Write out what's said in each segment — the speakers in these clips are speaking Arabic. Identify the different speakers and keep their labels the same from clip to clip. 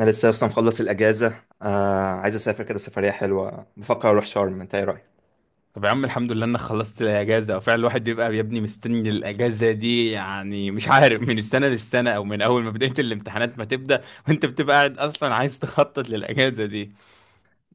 Speaker 1: انا لسه اصلا مخلص الاجازه. عايز اسافر كده سفريه حلوه، بفكر اروح شرم، انت ايه رايك؟
Speaker 2: طب يا عم، الحمد لله انك خلصت الاجازه. وفعلا الواحد بيبقى يا ابني مستني الاجازه دي، يعني مش عارف من السنه للسنه، او من اول ما بدايه الامتحانات ما تبدا وانت بتبقى قاعد اصلا عايز تخطط للاجازه دي.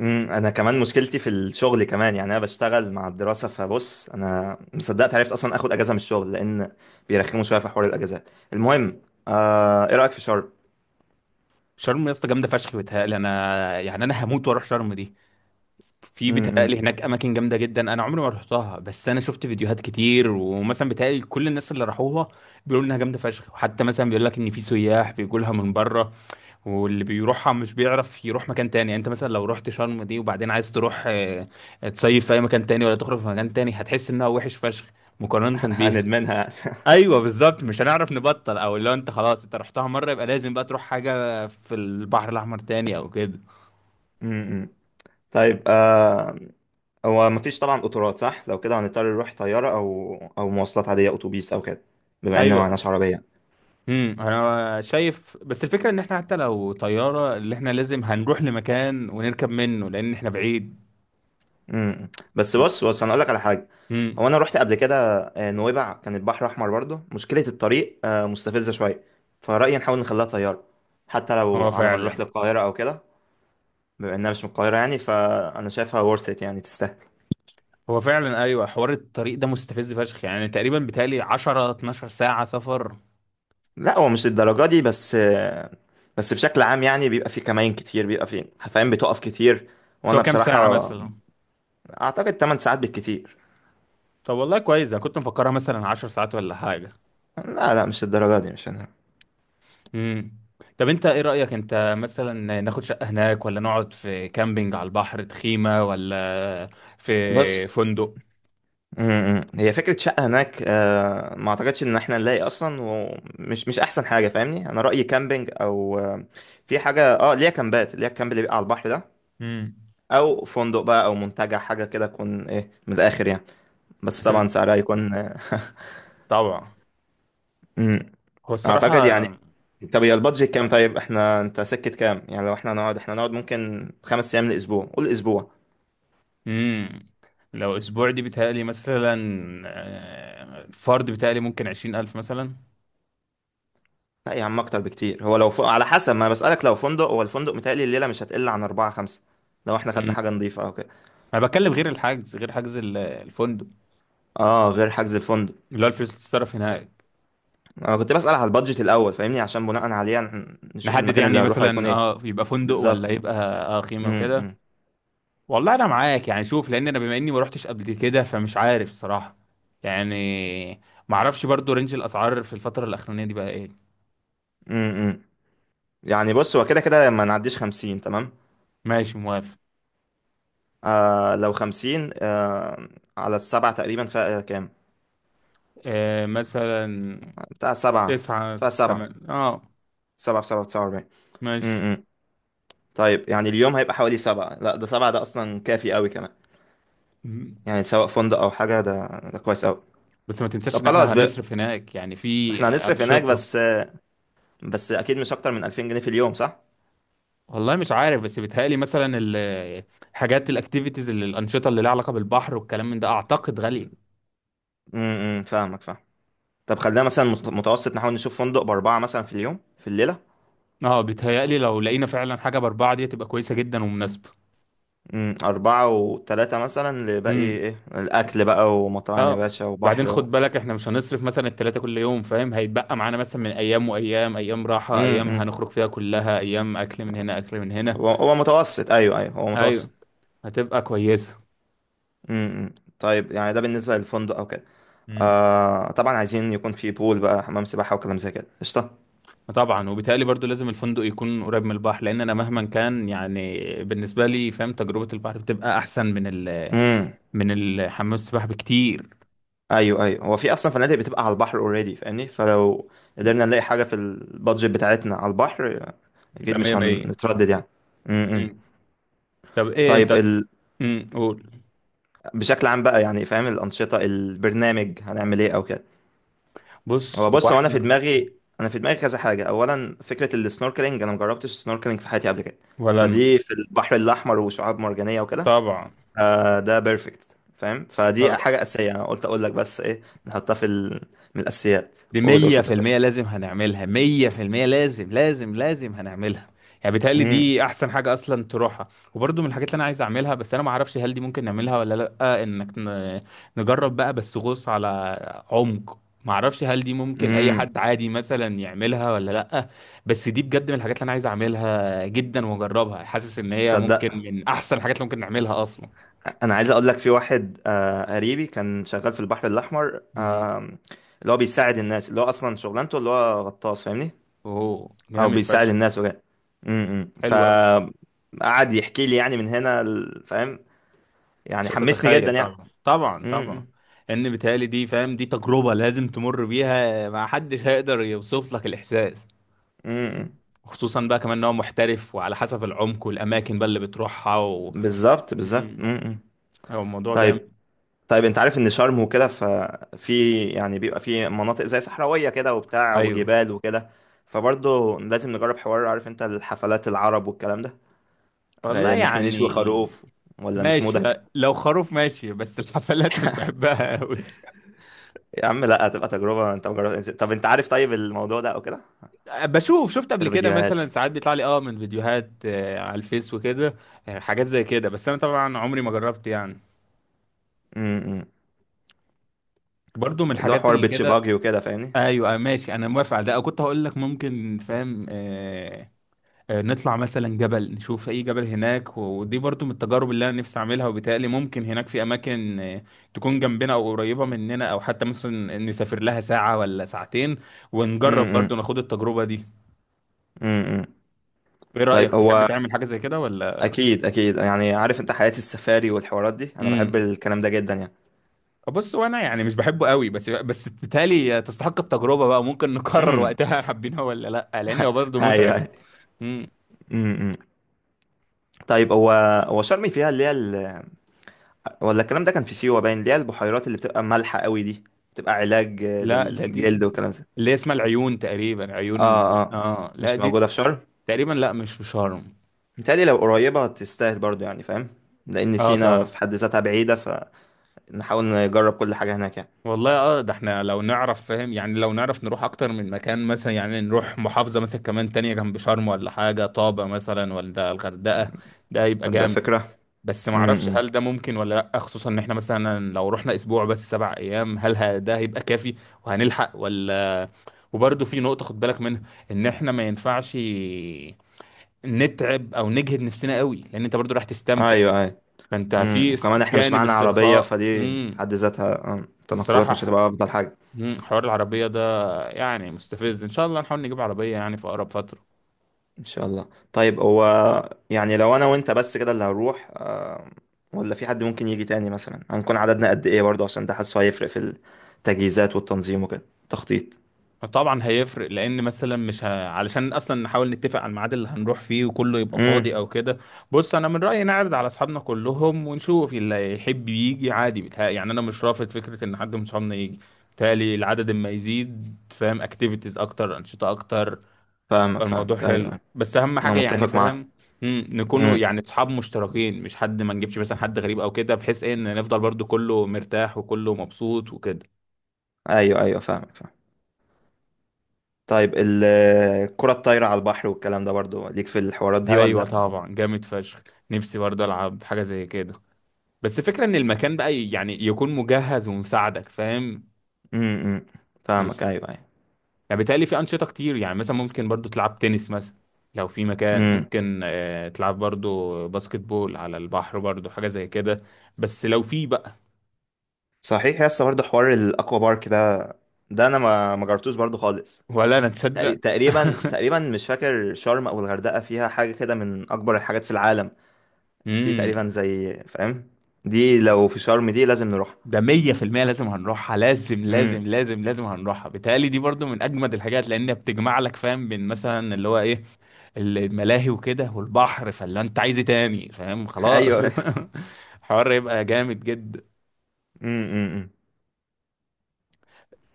Speaker 1: انا كمان مشكلتي في الشغل كمان، يعني انا بشتغل مع الدراسه، فبص انا مصدقت عرفت اصلا اخد اجازه من الشغل لان بيرخموا شويه في حوار الاجازات. المهم، ايه رايك في شرم؟
Speaker 2: شرم يا اسطى جامده فشخ، بيتهيألي انا، يعني انا هموت واروح شرم دي. في بيتهيألي
Speaker 1: امم.
Speaker 2: هناك اماكن جامده جدا، انا عمري ما رحتها، بس انا شفت فيديوهات كتير، ومثلا بيتهيألي كل الناس اللي راحوها بيقولوا انها جامده فشخ، وحتى مثلا بيقول لك ان في سياح بيجوا لها من بره. واللي بيروحها مش بيعرف يروح مكان تاني. يعني انت مثلا لو رحت شرم دي، وبعدين عايز تروح تصيف في اي مكان تاني، ولا تخرج في مكان تاني، هتحس انها وحش فشخ مقارنة بيها.
Speaker 1: هندمنها.
Speaker 2: ايوه بالظبط، مش هنعرف نبطل. او لو انت خلاص انت رحتها مرة، يبقى لازم بقى تروح حاجة في البحر الاحمر تاني او كده.
Speaker 1: امم. طيب. هو مفيش طبعا قطارات، صح؟ لو كده هنضطر نروح طياره او مواصلات عاديه، اتوبيس او كده، بما ان
Speaker 2: ايوه.
Speaker 1: معناش عربيه.
Speaker 2: امم، انا شايف بس الفكرة ان احنا حتى لو طيارة، اللي احنا لازم هنروح لمكان ونركب منه، لان احنا بعيد.
Speaker 1: امم. بس بص بص، انا اقول لك على حاجه. هو
Speaker 2: امم.
Speaker 1: انا رحت قبل كده نويبع، كان البحر احمر برضه، مشكله الطريق مستفزه شويه، فرايي نحاول نخليها طياره، حتى لو
Speaker 2: هو
Speaker 1: على ما نروح
Speaker 2: فعلا
Speaker 1: للقاهره او كده، بما انها مش من القاهره يعني، فانا شايفها worth it، يعني تستاهل.
Speaker 2: هو فعلا ايوه، حوار الطريق ده مستفز فشخ، يعني تقريبا بتالي 10 12 ساعه سفر.
Speaker 1: لا هو مش للدرجه دي بس بس بشكل عام يعني بيبقى في كمائن كتير، بيبقى في حفاين بتقف كتير.
Speaker 2: سواء
Speaker 1: وانا
Speaker 2: كام ساعه
Speaker 1: بصراحه
Speaker 2: مثلا؟
Speaker 1: اعتقد 8 ساعات بالكتير.
Speaker 2: طب والله كويس، انا كنت مفكرها مثلا 10 ساعات ولا حاجه.
Speaker 1: لا لا، مش للدرجه دي، مش انا.
Speaker 2: امم. طب انت ايه رايك، انت مثلا ناخد شقه هناك، ولا نقعد في كامبينج على البحر تخيمه، ولا في
Speaker 1: بص.
Speaker 2: فندق؟
Speaker 1: امم. هي فكرة شقة هناك ما اعتقدش ان احنا نلاقي اصلا، ومش مش احسن حاجة فاهمني. انا رأيي كامبينج، او في حاجة اه ليها كامبات، ليها الكامب اللي بيبقى على البحر ده،
Speaker 2: امم.
Speaker 1: او فندق بقى، او منتجع، حاجة كده تكون ايه من الاخر يعني، بس
Speaker 2: بس بت-
Speaker 1: طبعا سعرها يكون
Speaker 2: طبعا
Speaker 1: امم.
Speaker 2: هو الصراحه،
Speaker 1: اعتقد يعني. طب يا البادجت كام؟ طيب احنا انت سكت كام؟ يعني لو احنا نقعد، ممكن خمس ايام لاسبوع، قول اسبوع.
Speaker 2: امم، لو اسبوع دي بتهيألي مثلا الفرد بتهيألي ممكن 20000 مثلا.
Speaker 1: لا يا عم اكتر بكتير، هو لو على حسب ما أنا بسألك، لو فندق، هو الفندق متهيألي الليلة مش هتقل عن اربعة خمسة، لو احنا خدنا حاجة نظيفة او كده.
Speaker 2: انا بتكلم غير الحجز، غير حجز الفندق،
Speaker 1: اه، غير حجز الفندق.
Speaker 2: اللي هو الفلوس اللي تتصرف هناك.
Speaker 1: انا كنت بسأل على البادجت الاول فاهمني، عشان بناء عليه نشوف
Speaker 2: نحدد
Speaker 1: المكان اللي
Speaker 2: يعني
Speaker 1: هنروحه هيكون
Speaker 2: مثلا،
Speaker 1: ايه.
Speaker 2: اه يبقى فندق ولا
Speaker 1: بالظبط.
Speaker 2: يبقى اه خيمه
Speaker 1: امم.
Speaker 2: وكده.
Speaker 1: امم.
Speaker 2: والله انا معاك، يعني شوف، لان انا بما اني ما روحتش قبل كده، فمش عارف الصراحه. يعني ما اعرفش برضو رينج الاسعار في الفتره الاخرانيه دي بقى ايه.
Speaker 1: إمم. إمم. يعني بص، هو كده كده ما نعديش 50، تمام؟
Speaker 2: ماشي موافق.
Speaker 1: لو 50 على السبعة تقريبا، فيها كام؟
Speaker 2: آه مثلا
Speaker 1: بتاع سبعة.
Speaker 2: تسعة،
Speaker 1: فيها سبعة.
Speaker 2: تمن، اه
Speaker 1: سبعة في سبعة في 49. امم.
Speaker 2: ماشي.
Speaker 1: إمم. طيب يعني اليوم هيبقى حوالي سبعة، لا ده سبعة ده اصلا كافي قوي كمان،
Speaker 2: مم.
Speaker 1: يعني سواء فندق او حاجة ده، ده كويس قوي.
Speaker 2: بس ما تنساش ان
Speaker 1: طب
Speaker 2: احنا
Speaker 1: خلاص بقى،
Speaker 2: هنصرف هناك يعني في
Speaker 1: احنا هنصرف هناك
Speaker 2: انشطه.
Speaker 1: بس، بس اكيد مش اكتر من 2000 جنيه في اليوم، صح؟
Speaker 2: والله مش عارف، بس بيتهيألي مثلا الحاجات الاكتيفيتيز، اللي الانشطه اللي لها علاقه بالبحر والكلام من ده، اعتقد غاليه.
Speaker 1: امم، فاهمك، فاهم. طب خلينا مثلا متوسط، نحاول نشوف فندق بأربعة مثلا في اليوم، في الليلة.
Speaker 2: اه بيتهيألي لو لقينا فعلا حاجه باربعه، دي تبقى كويسه جدا ومناسبه.
Speaker 1: امم. أربعة وتلاتة مثلا لباقي
Speaker 2: امم،
Speaker 1: إيه، الأكل بقى ومطاعم يا
Speaker 2: اه.
Speaker 1: باشا،
Speaker 2: وبعدين
Speaker 1: وبحر
Speaker 2: خد بالك احنا مش هنصرف مثلا التلاته كل يوم، فاهم؟ هيتبقى معانا مثلا من ايام وايام، ايام راحه،
Speaker 1: امم.
Speaker 2: ايام
Speaker 1: امم.
Speaker 2: هنخرج فيها، كلها ايام اكل من هنا اكل من هنا.
Speaker 1: هو متوسط، أيوه أيوه، هو
Speaker 2: ايوه،
Speaker 1: متوسط.
Speaker 2: هتبقى كويسه.
Speaker 1: امم. امم. طيب يعني ده بالنسبة للفندق أو كده.
Speaker 2: امم.
Speaker 1: طبعا عايزين يكون في بول بقى، حمام سباحة وكلام زي كده، قشطة.
Speaker 2: طبعا، وبالتالي برضو لازم الفندق يكون قريب من البحر، لان انا مهما كان يعني بالنسبه لي، فاهم، تجربه البحر بتبقى احسن من ال،
Speaker 1: امم.
Speaker 2: من الحمام السباحة بكتير.
Speaker 1: ايوه ايوه، هو في اصلا فنادق بتبقى على البحر اوريدي فاهمني، فلو قدرنا نلاقي حاجه في البادجت بتاعتنا على البحر، اكيد
Speaker 2: يبقى مية
Speaker 1: مش
Speaker 2: مية.
Speaker 1: هنتردد يعني. امم. إمم.
Speaker 2: مم. طب ايه
Speaker 1: طيب
Speaker 2: انت؟ قول.
Speaker 1: بشكل عام بقى يعني فاهم، الانشطه، البرنامج، هنعمل ايه او كده؟
Speaker 2: بص
Speaker 1: هو
Speaker 2: هو
Speaker 1: بص، هو انا في
Speaker 2: احنا.
Speaker 1: دماغي، كذا حاجه. اولا فكره السنوركلينج، انا مجربتش السنوركلينج في حياتي قبل كده،
Speaker 2: ولا انا.
Speaker 1: فدي في البحر الاحمر وشعاب مرجانيه وكده،
Speaker 2: طبعا.
Speaker 1: ده بيرفكت فاهم، فدي
Speaker 2: طب
Speaker 1: حاجه اساسيه، انا قلت اقول لك بس ايه، نحطها في من الاساسيات.
Speaker 2: دي
Speaker 1: قول قول
Speaker 2: مية
Speaker 1: كنت
Speaker 2: في
Speaker 1: هتقول.
Speaker 2: المية لازم هنعملها، مية في المية لازم لازم لازم هنعملها، يعني بيتهيألي
Speaker 1: إيه. إمم.
Speaker 2: دي أحسن حاجة أصلا تروحها. وبرضه من الحاجات اللي أنا عايز أعملها، بس أنا معرفش هل دي ممكن نعملها ولا لأ، إنك نجرب بقى بس غوص على عمق. معرفش هل دي ممكن أي
Speaker 1: امم.
Speaker 2: حد عادي مثلا يعملها ولا لأ، بس دي بجد من الحاجات اللي أنا عايز أعملها جدا وأجربها، حاسس إن هي ممكن
Speaker 1: تصدق،
Speaker 2: من أحسن الحاجات اللي ممكن نعملها أصلا.
Speaker 1: انا عايز اقول لك، في واحد قريبي كان شغال في البحر الاحمر
Speaker 2: مم.
Speaker 1: اللي هو بيساعد الناس، اللي هو اصلا شغلانته اللي هو غطاس فاهمني،
Speaker 2: أوه
Speaker 1: او
Speaker 2: جامد
Speaker 1: بيساعد
Speaker 2: فشخ.
Speaker 1: الناس وكده. امم.
Speaker 2: حلو أوي.
Speaker 1: قعد يحكي لي يعني من هنا فاهم، يعني
Speaker 2: مش
Speaker 1: حمسني
Speaker 2: هتتخيل،
Speaker 1: جدا يعني.
Speaker 2: طبعا طبعا طبعا،
Speaker 1: امم.
Speaker 2: ان بيتهيألي دي، فاهم، دي تجربة لازم تمر بيها، ما حدش هيقدر يوصف لك الإحساس.
Speaker 1: امم.
Speaker 2: خصوصا بقى كمان ان هو محترف، وعلى حسب العمق والأماكن بقى اللي بتروحها و...
Speaker 1: بالظبط بالظبط.
Speaker 2: مم.
Speaker 1: امم.
Speaker 2: هو الموضوع
Speaker 1: طيب.
Speaker 2: جامد.
Speaker 1: طيب انت عارف ان شرم وكده ففي يعني بيبقى في مناطق زي صحراوية كده وبتاع،
Speaker 2: أيوه.
Speaker 1: وجبال وكده، فبرضه لازم نجرب حوار، عارف انت الحفلات العرب والكلام ده، غير
Speaker 2: والله
Speaker 1: ان احنا نشوي
Speaker 2: يعني،
Speaker 1: خروف، ولا مش
Speaker 2: ماشي.
Speaker 1: مودك؟
Speaker 2: لو خروف ماشي، بس الحفلات مش بحبها قوي.
Speaker 1: يا عم لا، هتبقى تجربة، انت مجرد، طب انت عارف طيب الموضوع ده او كده.
Speaker 2: بشوف، شفت
Speaker 1: في
Speaker 2: قبل كده
Speaker 1: الفيديوهات.
Speaker 2: مثلا ساعات بيطلع لي اه من فيديوهات على الفيس وكده، حاجات زي كده، بس انا طبعا عمري ما جربت يعني.
Speaker 1: امم. امم.
Speaker 2: برضو من
Speaker 1: اللي هو
Speaker 2: الحاجات
Speaker 1: حوار
Speaker 2: اللي
Speaker 1: بيتش
Speaker 2: كده.
Speaker 1: باجي وكده فاهمني.
Speaker 2: ايوه أيوة، ماشي انا موافق على ده. أو كنت هقول لك ممكن، فاهم، آه نطلع مثلا جبل، نشوف اي جبل هناك، ودي برضو من التجارب اللي انا نفسي اعملها. وبالتالي ممكن هناك في اماكن تكون جنبنا او قريبه مننا، او حتى مثلا نسافر لها ساعه ولا ساعتين، ونجرب
Speaker 1: امم. امم.
Speaker 2: برضو ناخد التجربه دي.
Speaker 1: امم، امم.
Speaker 2: ايه رايك،
Speaker 1: طيب
Speaker 2: تحب
Speaker 1: هو
Speaker 2: تعمل حاجه زي كده ولا؟
Speaker 1: اكيد اكيد، يعني عارف انت حياة السفاري والحوارات دي، انا بحب
Speaker 2: امم.
Speaker 1: الكلام ده جدا يعني.
Speaker 2: بص وانا يعني مش بحبه قوي، بس بالتالي تستحق التجربه بقى، ممكن نقرر
Speaker 1: امم.
Speaker 2: وقتها حابينها ولا لا، لانه برضو
Speaker 1: ايوه
Speaker 2: متعب.
Speaker 1: ايوه. امم، امم. طيب هو، هو شرم فيها اللي هي ولا الكلام ده كان في سيوة، باين، اللي هي البحيرات اللي بتبقى مالحة قوي دي، بتبقى علاج
Speaker 2: لا ده دي
Speaker 1: للجلد والكلام ده.
Speaker 2: اللي هي اسمها العيون تقريبا، عيون،
Speaker 1: اه، اه،
Speaker 2: اه لا
Speaker 1: مش
Speaker 2: دي
Speaker 1: موجودة في شرم؟
Speaker 2: تقريبا، لا مش في شرم.
Speaker 1: متهيألي لو قريبة تستاهل برضو يعني فاهم، لأن
Speaker 2: اه
Speaker 1: سينا في
Speaker 2: طبعا.
Speaker 1: حد ذاتها بعيدة، فنحاول نجرب كل حاجة هناك يعني،
Speaker 2: والله اه ده احنا لو نعرف، فاهم، يعني لو نعرف نروح اكتر من مكان، مثلا يعني نروح محافظة مثلا كمان تانية جنب شرم، ولا حاجة طابة مثلا، ولا الغردقة، ده يبقى
Speaker 1: فده
Speaker 2: جامد.
Speaker 1: فكرة.
Speaker 2: بس ما اعرفش
Speaker 1: امم.
Speaker 2: هل ده ممكن ولا لا، خصوصا ان احنا مثلا لو رحنا اسبوع بس، سبع ايام، هل ده هيبقى كافي وهنلحق ولا؟ وبرضه في نقطة خد بالك منها، ان احنا ما ينفعش نتعب او نجهد نفسنا قوي، لان انت برضو راح تستمتع.
Speaker 1: ايوه ايوه.
Speaker 2: فانت في
Speaker 1: امم، كمان احنا مش
Speaker 2: جانب
Speaker 1: معانا عربية،
Speaker 2: استرخاء.
Speaker 1: فدي في
Speaker 2: امم.
Speaker 1: حد ذاتها التنقلات
Speaker 2: الصراحه
Speaker 1: مش هتبقى أفضل حاجة.
Speaker 2: مم، حوار العربيه ده يعني مستفز، ان شاء الله نحاول نجيب عربيه يعني في اقرب فتره.
Speaker 1: ان شاء الله. طيب هو يعني لو انا وانت بس كده اللي هنروح ولا في حد ممكن يجي تاني مثلا؟ هنكون عددنا قد ايه برضه، عشان ده حاسه هيفرق في التجهيزات والتنظيم وكده، تخطيط.
Speaker 2: طبعا هيفرق، لان مثلا مش ه... علشان اصلا نحاول نتفق على الميعاد اللي هنروح فيه وكله يبقى فاضي
Speaker 1: امم.
Speaker 2: او كده. بص انا من رايي نعرض على اصحابنا كلهم ونشوف اللي يحب يجي عادي، بتهيألي يعني انا مش رافض فكره ان حد من صحابنا يجي. بالتالي العدد اما يزيد، فاهم، اكتيفيتيز اكتر، انشطه اكتر.
Speaker 1: فاهمك
Speaker 2: الموضوع
Speaker 1: فاهمك، ايوه
Speaker 2: حلو،
Speaker 1: أيوة.
Speaker 2: بس اهم
Speaker 1: انا
Speaker 2: حاجه يعني،
Speaker 1: متفق معاك.
Speaker 2: فاهم، مم، نكونوا
Speaker 1: امم.
Speaker 2: يعني اصحاب مشتركين، مش حد، ما نجيبش مثلا حد غريب او كده، بحيث ايه ان نفضل برضو كله مرتاح وكله مبسوط وكده.
Speaker 1: ايوه ايوه، فاهمك، فاهم. طيب الكرة الطايرة على البحر والكلام ده برضه ليك في الحوارات دي
Speaker 2: ايوه
Speaker 1: ولا؟
Speaker 2: طبعا، جامد فشخ. نفسي برضه العب حاجه زي كده، بس فكره ان المكان بقى يعني يكون مجهز ومساعدك، فاهم.
Speaker 1: امم. أمم. فاهمك،
Speaker 2: مش،
Speaker 1: ايوه ايوه.
Speaker 2: يعني بالتالي في انشطه كتير، يعني مثلا ممكن برضو تلعب تنس مثلا، لو في مكان
Speaker 1: امم.
Speaker 2: ممكن تلعب برضو باسكت بول على البحر، برضو حاجه زي كده، بس لو في بقى.
Speaker 1: صحيح يا اسطى، برضه حوار الاكوا بارك ده، ده انا ما جربتوش برضه خالص.
Speaker 2: ولا انا تصدق.
Speaker 1: تقريبا تقريبا مش فاكر شرم او الغردقه فيها حاجه كده من اكبر الحاجات في العالم، في تقريبا
Speaker 2: امم.
Speaker 1: زي فاهم، دي لو في شرم دي لازم نروح.
Speaker 2: ده 100% لازم هنروحها، لازم لازم
Speaker 1: امم.
Speaker 2: لازم لازم هنروحها. بيتهيألي دي برضو من اجمد الحاجات، لان بتجمع لك، فاهم، بين مثلا اللي هو ايه، الملاهي وكده والبحر، فاللي انت عايز إيه تاني؟ فاهم، خلاص.
Speaker 1: ايوه.
Speaker 2: حوار يبقى جامد جدا.
Speaker 1: امم. امم. امم.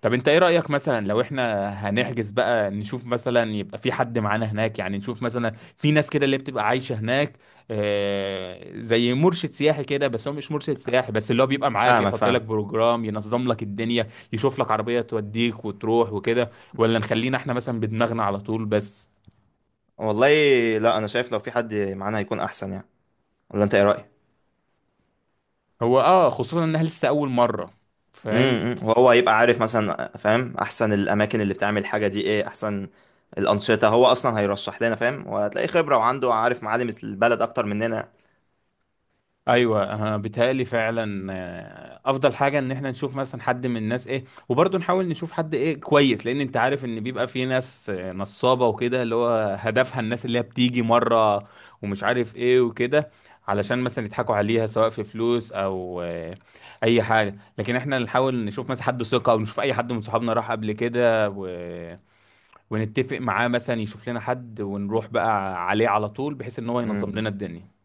Speaker 2: طب انت ايه رأيك، مثلا لو احنا هنحجز بقى، نشوف مثلا يبقى في حد معانا هناك، يعني نشوف مثلا في ناس كده اللي بتبقى عايشة هناك، زي مرشد سياحي كده، بس هو مش مرشد سياحي، بس اللي هو بيبقى معاك
Speaker 1: فاهمك،
Speaker 2: يحط لك
Speaker 1: فاهم.
Speaker 2: بروجرام، ينظم لك الدنيا، يشوف لك عربية توديك وتروح وكده. ولا نخلينا احنا مثلا بدماغنا على طول بس؟
Speaker 1: والله، لا انا شايف لو في حد معانا هيكون احسن يعني، ولا انت ايه رايك؟
Speaker 2: هو اه خصوصا انها لسه اول مرة، فاهم.
Speaker 1: امم. امم. وهو هيبقى عارف مثلا فاهم احسن الاماكن اللي بتعمل الحاجه دي، ايه احسن الانشطه، هو اصلا هيرشح لنا فاهم، وهتلاقي خبره وعنده، عارف معالم البلد اكتر مننا.
Speaker 2: ايوه انا بيتهيألي فعلا افضل حاجه ان احنا نشوف مثلا حد من الناس ايه. وبرضه نحاول نشوف حد ايه كويس، لان انت عارف ان بيبقى في ناس نصابه وكده، اللي هو هدفها الناس اللي هي بتيجي مره ومش عارف ايه وكده، علشان مثلا يضحكوا عليها، سواء في فلوس او اي حاجه. لكن احنا نحاول نشوف مثلا حد ثقه، او نشوف اي حد من صحابنا راح قبل كده و... ونتفق معاه مثلا يشوف لنا حد، ونروح بقى عليه على طول، بحيث ان هو
Speaker 1: امم،
Speaker 2: ينظم لنا
Speaker 1: امم.
Speaker 2: الدنيا.